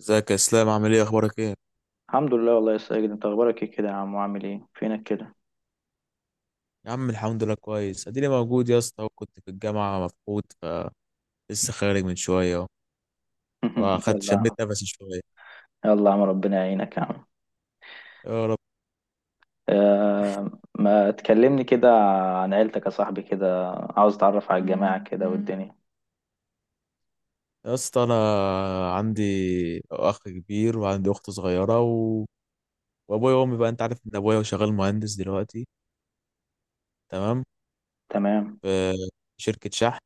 ازيك يا اسلام؟ عامل ايه؟ اخبارك ايه؟ الحمد لله والله يا ساجد، انت اخبارك ايه كده يا عم؟ وعامل ايه فينك كده؟ يا عم الحمد لله كويس، اديني موجود يا اسطى، وكنت في الجامعه مفقود. فلسه خارج من شويه اهو، واخدت يلا يا شميت عم. نفسي شويه. يلا يا عم، ربنا يعينك يا عم. يا رب. آه. ما تكلمني كده عن عيلتك يا صاحبي كده، عاوز اتعرف على الجماعة كده والدنيا. يا اسطى انا عندي اخ كبير وعندي اخت صغيره وابويا وامي، بقى انت عارف ان ابويا شغال مهندس دلوقتي. تمام. تمام. في شركه شحن.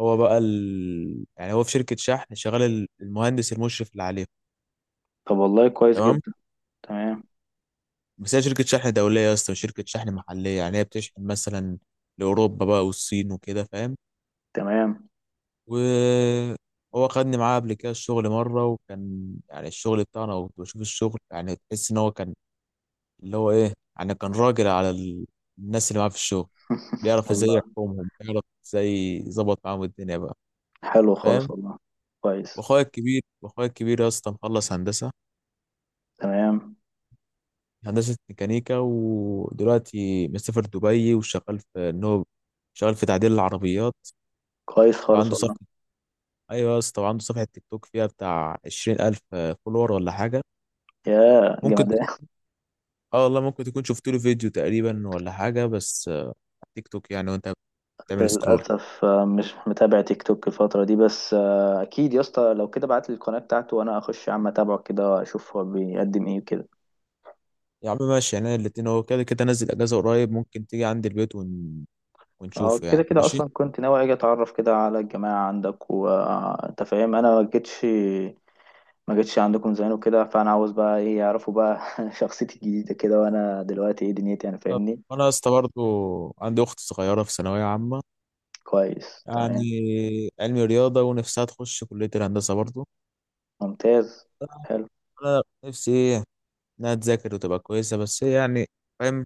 هو بقى يعني هو في شركه شحن شغال المهندس المشرف اللي عليه. طب والله كويس تمام. جدا. تمام. بس هي شركة شحن دولية يا اسطى، وشركة شحن محلية، يعني هي بتشحن مثلا لأوروبا بقى والصين وكده، فاهم؟ تمام. وهو خدني معاه قبل كده الشغل مرة، وكان يعني الشغل بتاعنا، وكنت بشوف الشغل، يعني تحس إن هو كان اللي هو إيه، يعني كان راجل على الناس اللي معاه في الشغل. بيعرف إزاي والله. يحكمهم، بيعرف إزاي يظبط معاهم الدنيا بقى، حلو خالص فاهم؟ والله. كويس وأخويا الكبير يا اسطى مخلص هندسة. تمام هندسة ميكانيكا، ودلوقتي مسافر دبي وشغال في إن هو شغال في تعديل العربيات. كويس خالص وعنده والله صفحة. أيوة يا اسطى، وعنده صفحة تيك توك فيها بتاع 20,000 فولور ولا حاجة. يا ممكن جمدان تكون- اه والله ممكن تكون شفت له فيديو تقريبا ولا حاجة، بس على تيك توك يعني، وأنت بتعمل سكرول. للأسف آه، مش متابع تيك توك الفترة دي بس آه، أكيد يا اسطى لو كده بعت لي القناة بتاعته وأنا أخش يا عم أتابعه كده أشوف هو بيقدم إيه وكده يا عم ماشي، يعني الاتنين هو كده كده نزل أجازة قريب، ممكن تيجي عندي البيت أه ونشوفه يعني، كده كده ماشي. أصلا كنت ناوي أجي أتعرف كده على الجماعة عندك وأنت فاهم أنا ما جيتش ما جيتش عندكم زمان وكده فأنا عاوز بقى إيه يعرفوا بقى شخصيتي الجديدة كده وأنا دلوقتي إيه دنيتي يعني طب فاهمني وأنا يا اسطى برضه عندي أخت صغيرة في ثانوية عامة، كويس. يعني تمام. علمي رياضة، ونفسها تخش كلية الهندسة برضه. ممتاز. حلو. أنا نفسي إيه، إنها تذاكر وتبقى كويسة، بس هي يعني، فاهم،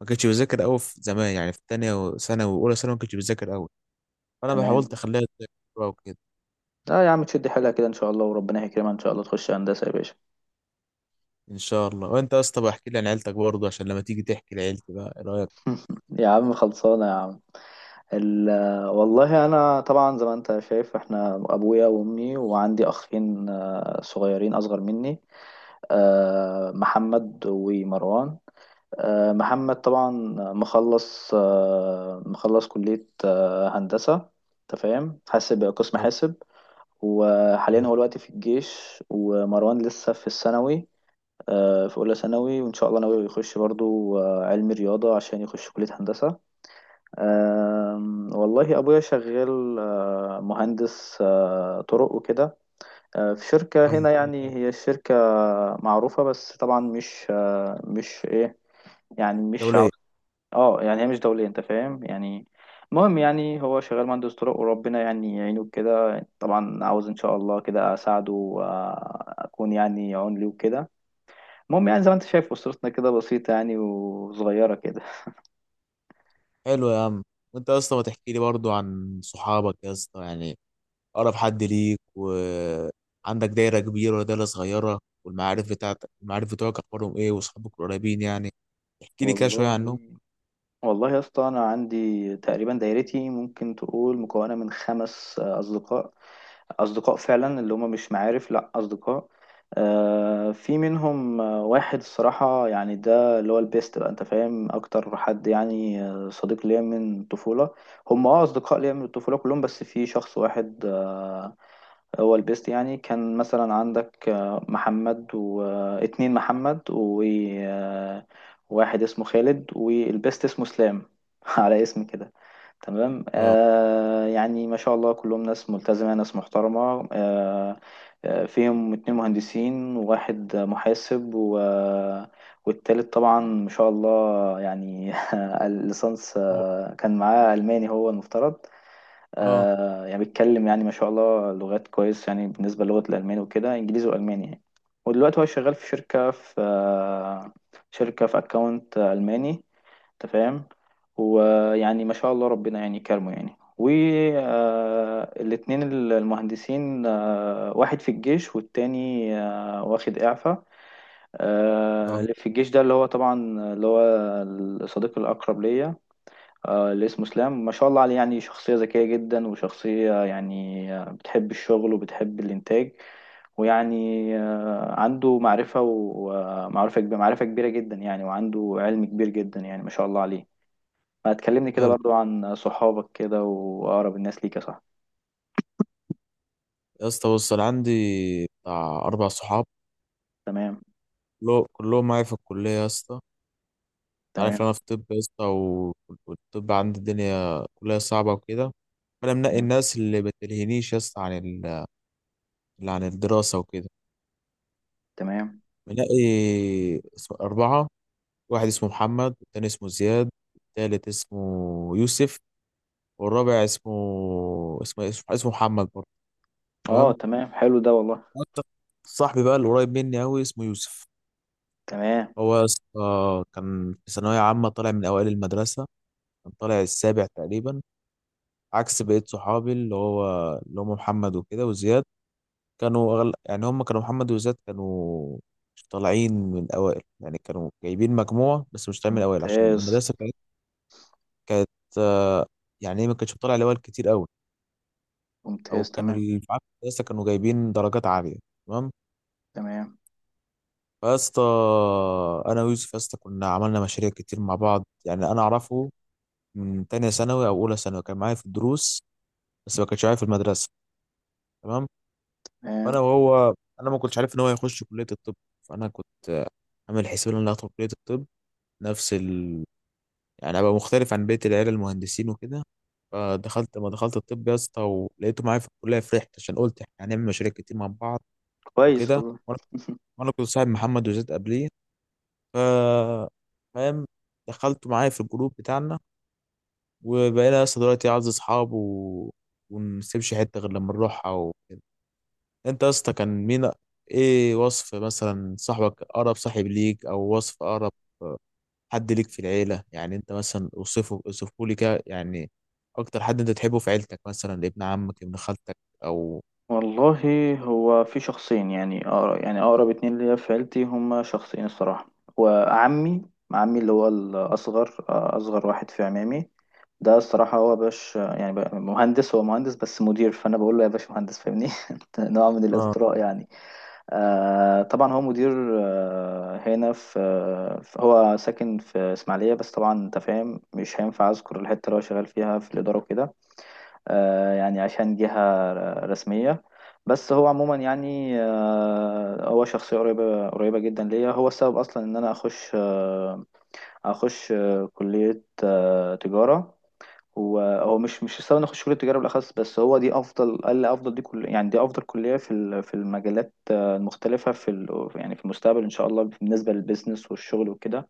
ما كانتش بتذاكر قوي في زمان، يعني في تانية وثانوي واولى ثانوي ما كانتش بتذاكر قوي، فانا حاولت تمام. اخليها تذاكر بقى وكده. لا يا عم، تشد حيلها كده إن شاء الله وربنا يكرمها، إن شاء الله تخش هندسة يا باشا. ان شاء الله. وانت يا اسطى بقى احكي لي عن عيلتك برضه، عشان لما تيجي تحكي لعيلتي بقى، ايه رايك؟ يا عم خلصانة يا عم. ال... والله انا طبعا زي ما انت شايف، احنا ابويا وامي، وعندي اخين صغيرين اصغر مني، محمد ومروان. محمد طبعا مخلص، مخلص كلية هندسة، انت فاهم، حاسب، قسم حلو. حاسب. وحاليا هو دلوقتي في الجيش، ومروان لسه في الثانوي، في اولى ثانوي، وان شاء الله ناوي يخش برضو علمي رياضة عشان يخش كلية هندسة. والله أبويا شغال مهندس طرق وكده، في شركة آه، هنا، حاجة يعني حلوة. هي الشركة معروفة، بس طبعا مش إيه، يعني مش عاو- دوليه. اه يعني هي مش دولية، أنت فاهم يعني. المهم يعني هو شغال مهندس طرق، وربنا يعني يعينه كده، طبعا عاوز إن شاء الله كده أساعده وأكون يعني عون ليه وكده. المهم يعني زي ما أنت شايف أسرتنا كده بسيطة يعني وصغيرة كده. حلو يا عم. وانت يا اسطى ما تحكي لي برضه عن صحابك يا اسطى، يعني اقرب حد ليك، وعندك دايره كبيره ولا دايره صغيره، والمعارف بتاعتك، المعارف بتوعك اخبارهم ايه، واصحابك القريبين يعني، احكي لي كده شويه والله، عنهم. والله يا اسطى انا عندي تقريبا دايرتي ممكن تقول مكونه من خمس اصدقاء، اصدقاء فعلا اللي هم مش معارف، لا اصدقاء. في منهم واحد، الصراحه يعني ده اللي هو البيست، بقى انت فاهم اكتر حد، يعني صديق ليا من الطفوله. هم، اصدقاء ليا من الطفوله كلهم، بس في شخص واحد هو البيست. يعني كان مثلا عندك محمد، واتنين محمد، وواحد اسمه خالد، والبيست اسمه اسلام. على اسم كده. تمام. اه. يعني ما شاء الله كلهم ناس ملتزمة، ناس محترمة فيهم اتنين مهندسين وواحد محاسب و... آه، والتالت طبعا ما شاء الله يعني الليسانس، كان معاه ألماني هو المفترض. اه. يعني بيتكلم، يعني ما شاء الله لغات كويس، يعني بالنسبة للغة الألماني وكده، إنجليزي وألماني يعني. ودلوقتي هو شغال في شركة في أكاونت ألماني، أنت فاهم. ويعني ما شاء الله ربنا يعني كرمه. يعني والاتنين المهندسين، واحد في الجيش، والتاني واخد إعفاء. اه. اللي في الجيش ده، اللي هو طبعا، اللي هو الصديق الأقرب ليا، اللي اسمه اسلام، ما شاء الله عليه. يعني شخصية ذكية جدا، وشخصية يعني بتحب الشغل وبتحب الإنتاج، ويعني عنده معرفة، ومعرفة كبيرة، معرفة كبيرة جدا يعني، وعنده علم كبير جدا يعني، ما شاء الله عليه. ما تكلمني كده حلو. برضو عن صحابك كده، وأقرب الناس ليك يا صاحبي؟ يا اسطى بص انا عندي بتاع اربع صحاب. تمام. كلهم معايا في الكليه يا اسطى. انت عارف تمام. انا في طب يا اسطى والطب عندي الدنيا كلها صعبه وكده، فانا منقي تمام. الناس اللي بتلهينيش يا اسطى عن اللي عن الدراسه وكده. تمام. منقي اربعه. واحد اسمه محمد، والتاني اسمه زياد، والتالت اسمه يوسف، والرابع اسمه اسمه محمد برضه. اه تمام. تمام، حلو ده والله. وأكتر صاحبي بقى اللي قريب مني قوي اسمه يوسف. تمام. هو يا اسطى كان في ثانوية عامة طالع من أوائل المدرسة، كان طالع السابع تقريبا، عكس بقية صحابي اللي هو اللي هم محمد وكده وزياد. كانوا يعني هم كانوا محمد وزياد كانوا مش طالعين من الأوائل، يعني كانوا جايبين مجموعة بس مش طالعين من الأوائل، عشان ممتاز. المدرسة كانت، كانت آه، يعني إيه، ما كانتش بتطلع الأوائل كتير أوي، أو ممتاز. كانوا تمام. اللي في المدرسة كانوا جايبين درجات عالية. تمام. تمام. فيا اسطى، انا ويوسف يا اسطى كنا عملنا مشاريع كتير مع بعض، يعني انا اعرفه من تانية ثانوي أو أولى ثانوي، كان معايا في الدروس بس ما كانش معايا في المدرسة. تمام. فأنا تمام. وهو، أنا ما كنتش عارف إن هو هيخش كلية الطب، فأنا كنت عامل حسابي إن أنا هدخل كلية الطب، نفس ال، يعني أبقى مختلف عن بقية العيال المهندسين وكده. فدخلت ما دخلت الطب يا اسطى ولقيته معايا في الكلية، فرحت عشان قلت إحنا هنعمل مشاريع كتير مع بعض كويس وكده. والله. وأنا وأنا كنت صاحب محمد وزيد قبليه، ف، فاهم، دخلته معايا في الجروب بتاعنا، وبقينا يا اسطى دلوقتي اعز اصحاب، ونسيبش حته غير لما نروحها وكده. انت يا اسطى كان مين، ايه وصف مثلا صاحبك، اقرب صاحب ليك، او وصف اقرب حد ليك في العيله، يعني انت مثلا اوصفه، اوصفه لي كده يعني، اكتر حد انت تحبه في عيلتك، مثلا ابن عمك، ابن خالتك، او. والله، هو في شخصين، يعني أقرب، يعني أقرب اتنين ليا في عيلتي، هما شخصين الصراحة. وعمي عمي اللي هو الأصغر، أصغر واحد في عمامي، ده الصراحة هو باش. يعني بقى مهندس، هو مهندس بس مدير، فأنا بقول له يا باشا مهندس، فاهمني؟ نوع من اه. الإطراء يعني. طبعا هو مدير، هنا في، هو ساكن في إسماعيلية، بس طبعا أنت فاهم مش هينفع أذكر الحتة اللي هو شغال فيها في الإدارة وكده، يعني عشان جهة رسمية. بس هو عموما يعني هو شخصية قريبة قريبة جدا ليا. هو السبب أصلا إن أنا أخش كلية تجارة. هو مش السبب إن أخش كلية تجارة بالأخص، بس هو دي أفضل، قال لي أفضل، دي كل، يعني دي أفضل كلية في في المجالات المختلفة في يعني في المستقبل إن شاء الله، بالنسبة للبيزنس والشغل وكده.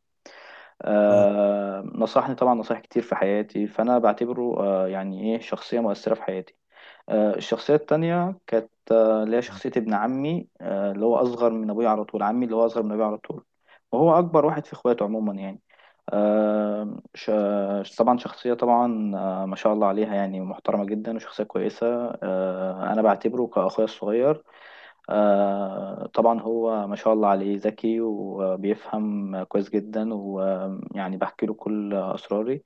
اه. نصحني طبعا نصايح كتير في حياتي، فأنا بعتبره يعني إيه، شخصية مؤثرة في حياتي. الشخصية التانية كانت اللي هي شخصية ابن عمي، اللي هو أصغر من أبويا على طول، عمي اللي هو أصغر من أبويا على طول، وهو أكبر واحد في إخواته عموما يعني. طبعا شخصية، طبعا ما شاء الله عليها، يعني محترمة جدا وشخصية كويسة. أنا بعتبره كأخويا الصغير. طبعا هو ما شاء الله عليه، ذكي وبيفهم كويس جدا، ويعني بحكي له كل أسراري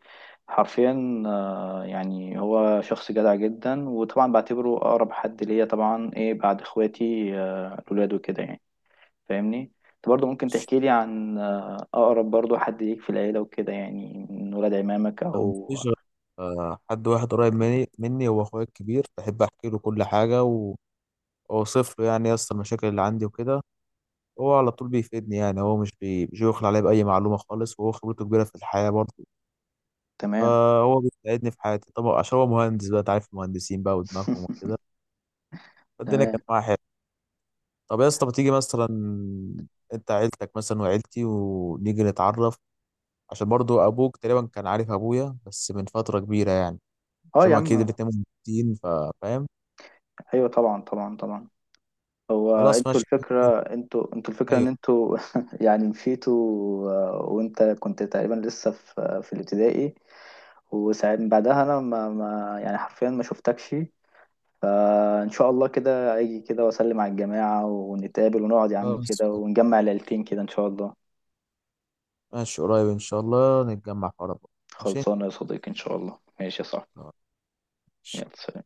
حرفيا. يعني هو شخص جدع جدا، وطبعا بعتبره أقرب حد ليا طبعا، إيه، بعد إخواتي الولاد وكده يعني، فاهمني. أنت برضه ممكن تحكي لي عن أقرب برضه حد ليك في العيلة وكده، يعني من ولاد عمامك أنا أو. مفيش غير- حد واحد قريب مني هو اخويا الكبير. بحب احكي له كل حاجه واوصف له يعني يا اسطى المشاكل اللي عندي وكده. هو على طول بيفيدني، يعني هو مش بيخلى عليا بأي معلومة خالص، وهو خبرته كبيرة في الحياة برضه. تمام. فهو بيساعدني في حياتي طبعا، عشان هو مهندس بقى، أنت عارف المهندسين بقى ودماغهم وكده. فالدنيا تمام. كانت معايا حلوة. طب يا اسطى ما تيجي مثلا، أنت عيلتك مثلا وعيلتي، ونيجي نتعرف، عشان برضه أبوك تقريبا كان عارف أبويا بس من فترة كبيرة يعني، اه عشان يا هما أكيد عم. الاتنين مهندسين، فاهم؟ ايوه طبعا، طبعا طبعا. هو خلاص، انتوا ماشي. الفكرة، انتوا الفكرة ان أيوه. انتوا، يعني مشيتوا. وانت كنت تقريبا لسه في الابتدائي، وساعات من بعدها انا ما يعني حرفيا ما شفتكش. فان شاء الله كده اجي كده واسلم على الجماعة، ونتقابل ونقعد يا عم خلاص كده، ونجمع العيلتين كده ان شاء الله. ماشي، قريب إن شاء الله نتجمع في عرب. ماشي. خلصانة يا صديقي، ان شاء الله، ماشي يا صاحبي. خلاص. يلا سلام.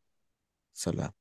سلام.